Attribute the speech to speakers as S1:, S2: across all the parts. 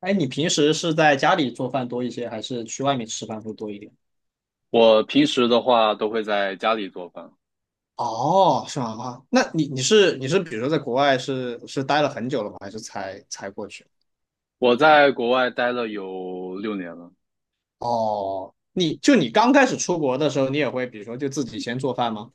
S1: 哎，你平时是在家里做饭多一些，还是去外面吃饭会多一点？
S2: 我平时的话都会在家里做饭。
S1: 哦，是吗？啊，那你是比如说在国外是待了很久了吗？还是才过去？
S2: 我在国外待了有6年了，
S1: 哦，你刚开始出国的时候，你也会比如说就自己先做饭吗？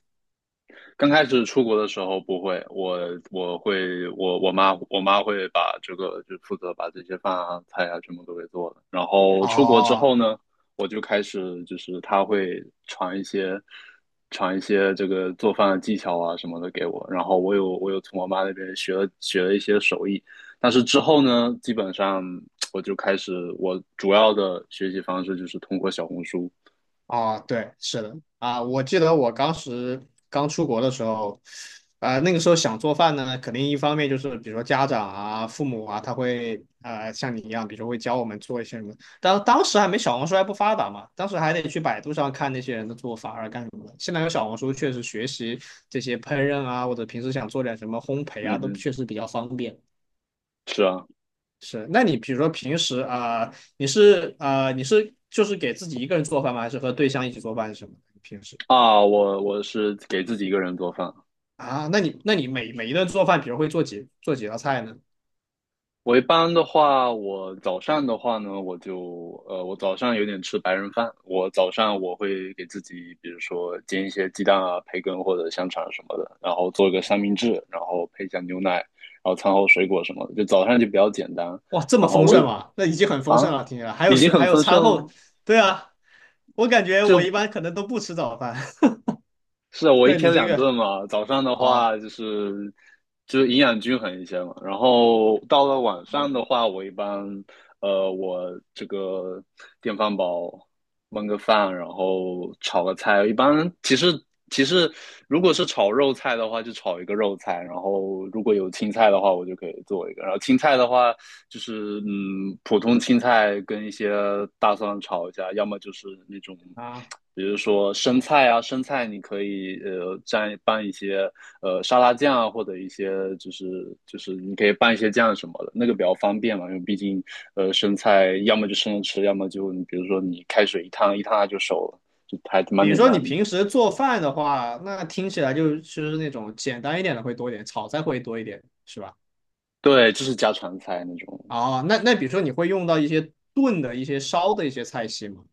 S2: 刚开始出国的时候不会，我妈会把这个就负责把这些饭啊菜啊全部都给做了。然后出国之
S1: 哦，
S2: 后呢，我就开始就是她会传一些这个做饭的技巧啊什么的给我。然后我有从我妈那边学了一些手艺，但是之后呢，基本上我就开始我主要的学习方式就是通过小红书。
S1: 啊，对，是的，啊，我记得我当时刚出国的时候，那个时候想做饭呢，肯定一方面就是比如说家长啊、父母啊，他会像你一样，比如说会教我们做一些什么，当时还没小红书还不发达嘛，当时还得去百度上看那些人的做法啊干什么的。现在有小红书，确实学习这些烹饪啊，或者平时想做点什么烘焙啊，
S2: 嗯
S1: 都
S2: 哼，
S1: 确实比较方便。
S2: 是啊
S1: 是，那你比如说平时啊、你是啊、你是就是给自己一个人做饭吗？还是和对象一起做饭是什么平时？
S2: 啊，我是给自己一个人做饭啊。
S1: 啊，那你每一顿做饭，比如会做几道菜呢？
S2: 我一般的话，我早上的话呢，我早上有点吃白人饭。我早上我会给自己，比如说煎一些鸡蛋啊、培根或者香肠什么的，然后做一个三明治，然后配一下牛奶，然后餐后水果什么的，就早上就比较简单。
S1: 哇，这么
S2: 然后
S1: 丰
S2: 我
S1: 盛
S2: 有
S1: 吗？那已经很丰盛
S2: 啊，
S1: 了，听起来还有
S2: 已经
S1: 水，还
S2: 很
S1: 有
S2: 丰
S1: 餐
S2: 盛
S1: 后，
S2: 了，
S1: 对啊，我感觉我一
S2: 就
S1: 般可能都不吃早饭。
S2: 是啊，我一
S1: 对你
S2: 天
S1: 这
S2: 两
S1: 个，
S2: 顿嘛，早上的
S1: 啊
S2: 话就是营养均衡一些嘛，然后到了晚上的话，我一般我这个电饭煲焖个饭，然后炒个菜，一般其实如果是炒肉菜的话，就炒一个肉菜，然后如果有青菜的话，我就可以做一个，然后青菜的话就是普通青菜跟一些大蒜炒一下，要么就是那种。
S1: 啊，
S2: 比如说生菜啊，生菜你可以蘸拌一些沙拉酱啊，或者一些就是你可以拌一些酱什么的，那个比较方便嘛，因为毕竟生菜要么就生着吃，要么就你比如说你开水一烫它就熟了，就还蛮
S1: 比如
S2: 简
S1: 说
S2: 单
S1: 你
S2: 的。
S1: 平时做饭的话，那听起来就是那种简单一点的会多一点，炒菜会多一点，是吧？
S2: 对，就是家常菜那种
S1: 哦，那比如说你会用到一些炖的一些烧的一些菜系吗？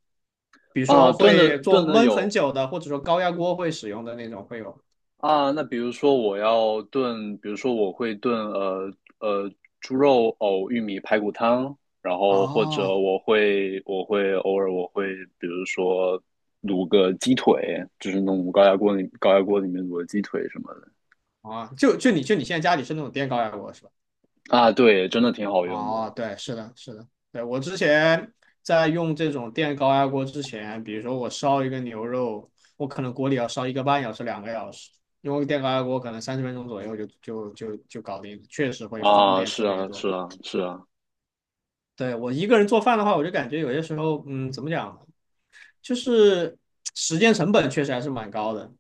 S1: 比如
S2: 啊，
S1: 说
S2: 炖的
S1: 会
S2: 炖
S1: 做
S2: 的
S1: 焖很
S2: 有
S1: 久的，或者说高压锅会使用的那种会有。
S2: 啊，那比如说我要炖，比如说我会炖呃猪肉藕玉米排骨汤，然后或者
S1: 哦，
S2: 我会偶尔比如说卤个鸡腿，就是弄高压锅里面卤个鸡腿什么的。
S1: 啊，就你现在家里是那种电高压锅是吧？
S2: 啊，对，真的挺好用的。
S1: 哦，对，是的，是的，对，我之前在用这种电高压锅之前，比如说我烧一个牛肉，我可能锅里要烧一个半小时、两个小时，用电高压锅可能30分钟左右就搞定了确实会方
S2: 啊，
S1: 便特
S2: 是
S1: 别
S2: 啊，是
S1: 多。
S2: 啊，是啊。
S1: 对，我一个人做饭的话，我就感觉有些时候，嗯，怎么讲？就是时间成本确实还是蛮高的。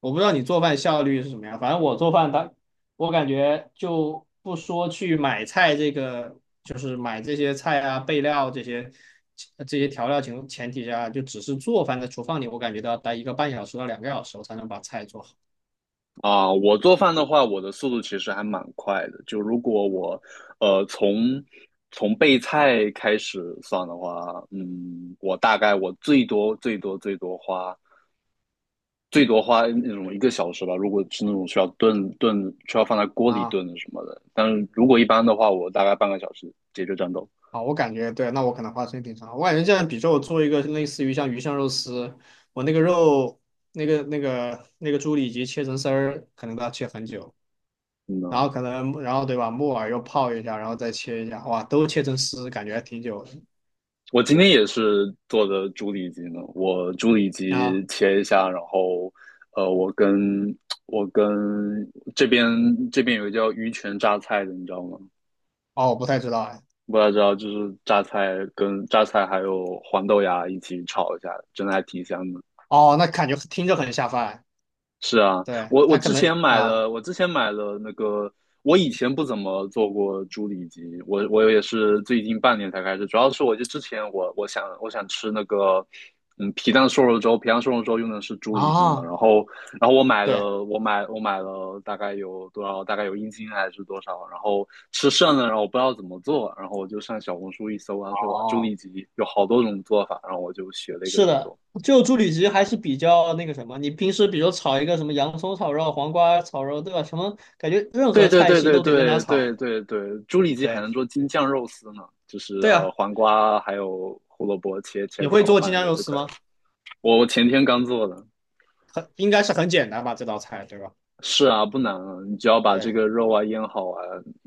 S1: 我不知道你做饭效率是什么样，反正我做饭它，我感觉就不说去买菜这个，就是买这些菜啊、备料这些这些调料前提下，就只是做饭在厨房里，我感觉都要待一个半小时到两个小时，我才能把菜做好
S2: 啊，我做饭的话，我的速度其实还蛮快的。就如果我，呃，从从备菜开始算的话，嗯，我大概最多花那种1个小时吧。如果是那种需要炖炖，需要放在锅里
S1: 啊。
S2: 炖的什么的，但是如果一般的话，我大概半个小时解决战斗。
S1: 啊，我感觉对，那我可能花时间挺长。我感觉这样，比如说我做一个类似于像鱼香肉丝，我那个肉。那个猪里脊切成丝儿，可能都要切很久。
S2: 嗯
S1: 然后
S2: 呢？
S1: 可能然后对吧，木耳又泡一下，然后再切一下，哇，都切成丝，感觉还挺久
S2: 我今天也是做的猪里脊呢，我猪里
S1: 的啊。
S2: 脊切一下，然后，我跟我跟这边这边有个叫鱼泉榨菜的，你知道吗？
S1: 哦，我不太知道哎。
S2: 不太知道，就是榨菜跟榨菜还有黄豆芽一起炒一下，真的还挺香的。
S1: 哦，那感觉听着很下饭。
S2: 是啊，
S1: 对，他可能啊
S2: 我之前买了那个，我以前不怎么做过猪里脊，我也是最近半年才开始，主要是我就之前我我想我想吃那个，嗯，皮蛋瘦肉粥，皮蛋瘦肉粥用的是猪里脊嘛，
S1: 啊，
S2: 然后
S1: 对，
S2: 我买了大概有多少，大概有1斤还是多少，然后吃剩了，然后我不知道怎么做，然后我就上小红书一搜，他说哇，猪
S1: 哦，
S2: 里脊有好多种做法，然后我就学了一个
S1: 是
S2: 去
S1: 的，
S2: 做。
S1: 就猪里脊还是比较那个什么，你平时比如炒一个什么洋葱炒肉、黄瓜炒肉，对吧？什么感觉任何
S2: 对对
S1: 菜
S2: 对
S1: 系
S2: 对
S1: 都得跟它
S2: 对对
S1: 炒。
S2: 对对，猪里脊还能
S1: 对
S2: 做京酱肉丝呢，就是
S1: 对啊，
S2: 黄瓜还有胡萝卜切
S1: 你
S2: 切
S1: 会
S2: 条
S1: 做京
S2: 拌一
S1: 酱
S2: 下
S1: 肉
S2: 就
S1: 丝
S2: 可以
S1: 吗？
S2: 了。我前天刚做的，
S1: 很应该是很简单吧，这道菜对吧？
S2: 是啊，不难啊，你只要把这
S1: 对。
S2: 个肉啊腌好啊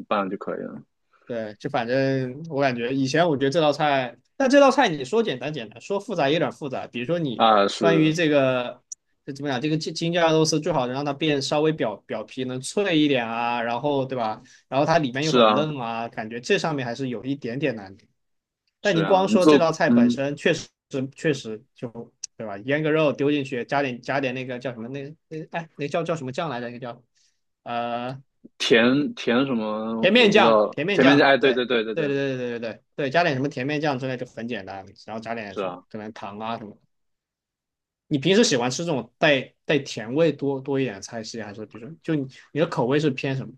S2: 拌就可以了。
S1: 对，就反正我感觉以前我觉得这道菜，但这道菜你说简单简单，说复杂也有点复杂。比如说你
S2: 啊，
S1: 关于
S2: 是
S1: 这个，这怎么讲？这个京酱肉丝最好能让它变稍微表皮能脆一点啊，然后对吧？然后它里面又
S2: 是
S1: 很
S2: 啊
S1: 嫩啊，感觉这上面还是有一点点难度。但
S2: 是
S1: 你
S2: 啊，
S1: 光
S2: 你
S1: 说这
S2: 做
S1: 道菜本身，确实就对吧？腌个肉丢进去，加点那个叫什么那哎那叫什么酱来着？那个叫呃
S2: 甜什么
S1: 甜面
S2: 我不知
S1: 酱，
S2: 道，
S1: 甜面
S2: 甜面酱
S1: 酱，
S2: 哎对
S1: 对，
S2: 对对对
S1: 对
S2: 对，
S1: 对对对对对对，加点什么甜面酱之类就很简单，然后加点
S2: 是
S1: 什么
S2: 啊，
S1: 可能糖啊什么的你平时喜欢吃这种带甜味多一点的菜系，还是比如说就你的口味是偏什么？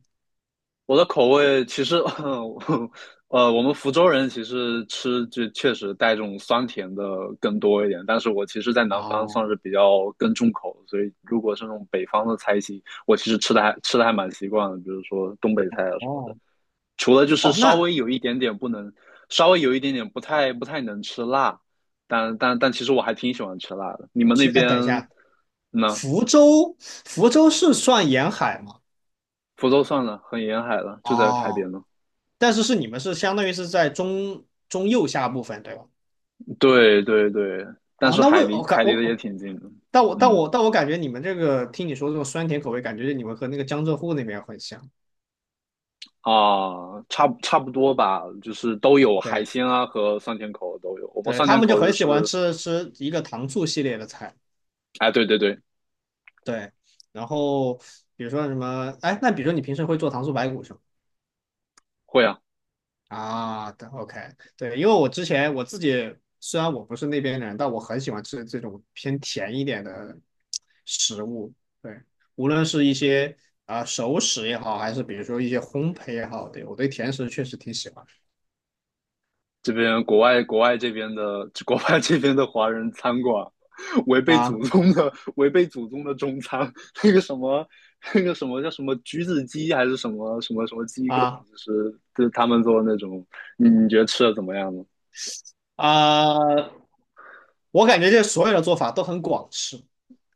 S2: 我的口味其实，我们福州人其实吃就确实带这种酸甜的更多一点，但是我其实，在南方算是
S1: 哦
S2: 比较更重口，所以如果是那种北方的菜系，我其实吃的还蛮习惯的，比如说东北菜啊什么的，
S1: 哦
S2: 除了就是
S1: 哦，
S2: 稍
S1: 那
S2: 微有一点点不能，稍微有一点点不太能吃辣，但其实我还挺喜欢吃辣的。你们那
S1: 其实哎，
S2: 边
S1: 等一下，
S2: 呢？
S1: 福州是算沿海吗？
S2: 福州算了，很沿海了，就在海
S1: 哦，
S2: 边呢。
S1: 但是你们是相当于是在中右下部分对吧？
S2: 对对对，但
S1: 哦，
S2: 是
S1: 那为我感
S2: 海离得也
S1: 我
S2: 挺近的，
S1: 但我但
S2: 嗯
S1: 我但我感觉你们这个听你说这种酸甜口味，感觉你们和那个江浙沪那边很像。
S2: 啊，差不多吧，就是都有海
S1: 对
S2: 鲜啊和酸甜口都有。我们
S1: 对，
S2: 酸
S1: 他
S2: 甜
S1: 们就
S2: 口就
S1: 很喜欢
S2: 是，
S1: 吃一个糖醋系列的菜。
S2: 哎，对对对，
S1: 对，然后比如说什么，哎，那比如说你平时会做糖醋排骨是吗？
S2: 会啊，
S1: 啊，对，OK，对，因为我之前我自己虽然我不是那边人，但我很喜欢吃这种偏甜一点的食物。对，无论是一些啊、熟食也好，还是比如说一些烘焙也好，对，我对甜食确实挺喜欢的
S2: 这边国外这边的华人餐馆，
S1: 啊。
S2: 违背祖宗的中餐，那个什么那个什么叫什么橘子鸡还是什么什么什么鸡，各种
S1: 啊，
S2: 就是他们做的那种，你觉得吃的怎么样呢？
S1: 啊、我感觉这所有的做法都很广式，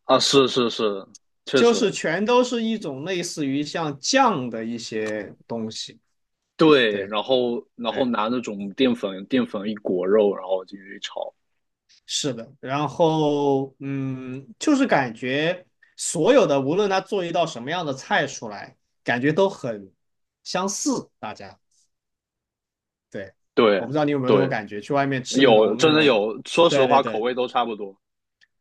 S2: 啊，是是是，确
S1: 就是
S2: 实
S1: 全都是一种类似于像酱的一些东西。
S2: 对，
S1: 对
S2: 然后
S1: 对，
S2: 拿那种淀粉一裹肉，然后进去炒。
S1: 是的。然后就是感觉所有的无论他做一道什么样的菜出来，感觉都很相似。大家，对，
S2: 对
S1: 我不知道你有没有这种
S2: 对，
S1: 感觉，去外面吃那
S2: 有
S1: 种那
S2: 真的
S1: 种，
S2: 有，说实
S1: 对对
S2: 话口
S1: 对。
S2: 味都差不多，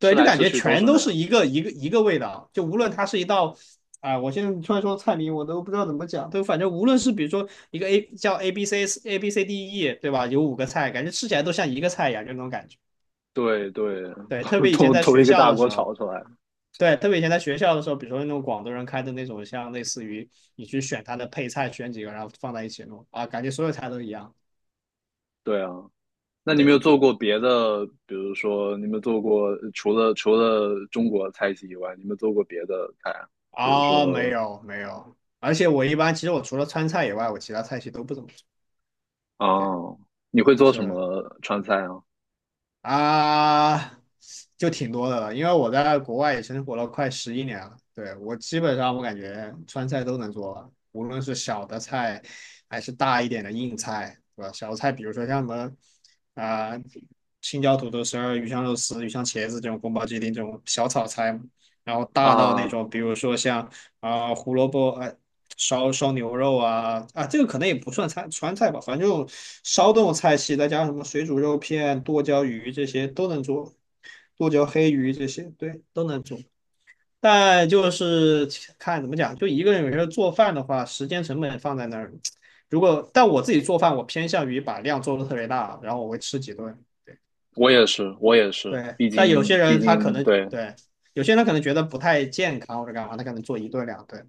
S2: 吃
S1: 就
S2: 来
S1: 感
S2: 吃
S1: 觉
S2: 去都
S1: 全
S2: 是那
S1: 都是
S2: 样。
S1: 一个一个一个味道，就无论它是一道，啊、我现在突然说菜名，我都不知道怎么讲，就反正无论是比如说一个 A 叫 A B C A B C D E，对吧？有五个菜，感觉吃起来都像一个菜一样，就那种感觉。
S2: 对对，
S1: 对，特 别以前
S2: 都
S1: 在
S2: 都
S1: 学
S2: 一个
S1: 校
S2: 大
S1: 的时
S2: 锅
S1: 候，
S2: 炒出来。
S1: 对，特别以前在学校的时候，比如说那种广东人开的那种，像类似于你去选它的配菜，选几个然后放在一起弄啊，感觉所有菜都一样。
S2: 对啊，那你有没
S1: 对，
S2: 有做过别的？比如说，你有没有做过除了中国菜系以外，你有没有做过别的菜啊？比如
S1: 啊、没
S2: 说，
S1: 有没有，而且我一般其实我除了川菜以外，我其他菜系都不怎么吃。
S2: 啊，
S1: 对，
S2: 你会做什
S1: 是的。
S2: 么川菜啊？
S1: 啊，就挺多的了，因为我在国外也生活了快11年了。对，我基本上我感觉川菜都能做了无论是小的菜还是大一点的硬菜，对吧？小菜比如说像什么啊、青椒土豆丝儿、鱼香肉丝、鱼香茄子这种宫保鸡丁这种小炒菜嘛然后大到那
S2: 啊，
S1: 种比如说像啊、胡萝卜烧牛肉啊，这个可能也不算川菜吧，反正就烧这种菜系，再加上什么水煮肉片、剁椒鱼这些都能做，剁椒黑鱼这些对都能做，但就是看怎么讲，就一个人有时候做饭的话，时间成本放在那儿，但我自己做饭，我偏向于把量做的特别大，然后我会吃几顿，
S2: 我也是，我也是，
S1: 对，但有些
S2: 毕
S1: 人他可
S2: 竟
S1: 能
S2: 对
S1: 对。有些人他可能觉得不太健康或者干嘛，他可能做一顿两顿，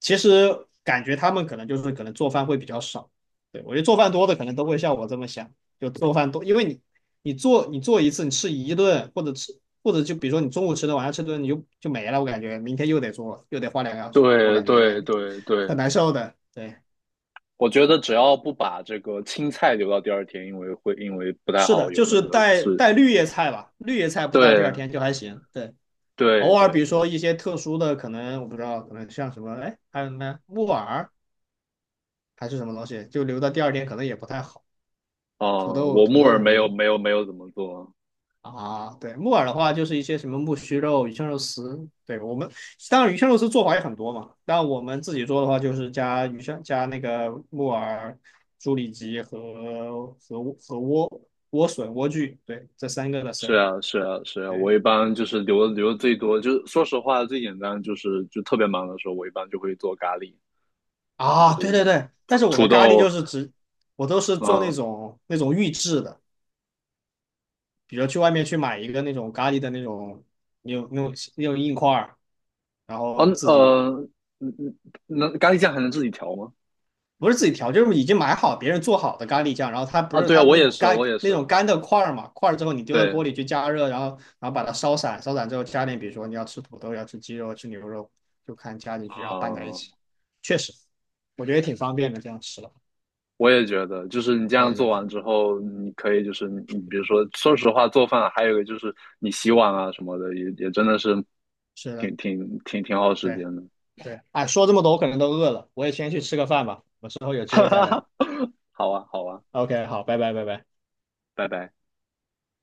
S1: 其实感觉他们可能就是可能做饭会比较少，对我觉得做饭多的可能都会像我这么想，就做饭多，因为你做一次你吃一顿或者就比如说你中午吃的晚上吃顿你就没了，我感觉明天又得做又得花两个小时，我
S2: 对
S1: 感
S2: 对
S1: 觉
S2: 对
S1: 很
S2: 对，
S1: 难受的。对，
S2: 我觉得只要不把这个青菜留到第二天，因为不太
S1: 是
S2: 好
S1: 的，就
S2: 有那
S1: 是
S2: 个
S1: 带
S2: 刺。
S1: 带绿叶菜吧，绿叶菜不到第二
S2: 对
S1: 天就还行，对。偶
S2: 对
S1: 尔，比
S2: 对
S1: 如
S2: 对，
S1: 说一些特殊的，可能我不知道，可能像什么，哎，还有什么木耳还是什么东西，就留到第二天可能也不太好。土
S2: 哦、
S1: 豆、
S2: 我
S1: 土
S2: 木
S1: 豆
S2: 耳
S1: 什么的
S2: 没有怎么做。
S1: 啊。对，木耳的话就是一些什么木须肉、鱼香肉丝。对我们当然鱼香肉丝做法也很多嘛，但我们自己做的话就是加鱼香、加那个木耳、猪里脊和莴笋、莴苣，对，这三个的丝
S2: 是
S1: 儿。
S2: 啊是啊是啊，
S1: 对
S2: 我一般就是留的最多，就是说实话最简单就是就特别忙的时候，我一般就会做咖喱、
S1: 啊，对对对，但是我的
S2: 土
S1: 咖喱就
S2: 豆，
S1: 是只我都是
S2: 嗯，
S1: 做那
S2: 哦
S1: 种那种预制的，比如去外面去买一个那种咖喱的那种，那种硬块儿，然
S2: 呃，
S1: 后自己
S2: 嗯嗯，那咖喱酱还能自己调吗？
S1: 不是自己调，就是已经买好别人做好的咖喱酱，然后它不
S2: 啊，
S1: 是
S2: 对
S1: 它
S2: 啊，
S1: 那种干
S2: 我也
S1: 那
S2: 是，
S1: 种干的块儿嘛，块儿之后你丢到锅里
S2: 对
S1: 去加热，然后把它烧散，烧散之后加点，比如说你要吃土豆，要吃鸡肉，吃牛肉，就看加进去，然后拌在一起，
S2: 啊。
S1: 确实，我觉得也挺方便的，这样吃了。
S2: 我也觉得，就是你这样
S1: 对对
S2: 做
S1: 对，
S2: 完之后，你可以就是你，你比如说，说实话，做饭还有一个就是你洗碗啊什么的，也真的是
S1: 是的，
S2: 挺耗时
S1: 对
S2: 间的。
S1: 对，哎，说这么多我可能都饿了，我也先去吃个饭吧，我们之后有 机
S2: 哈
S1: 会再
S2: 哈哈，
S1: 聊。
S2: 好啊，好啊，
S1: OK，好，拜拜拜拜。
S2: 拜拜。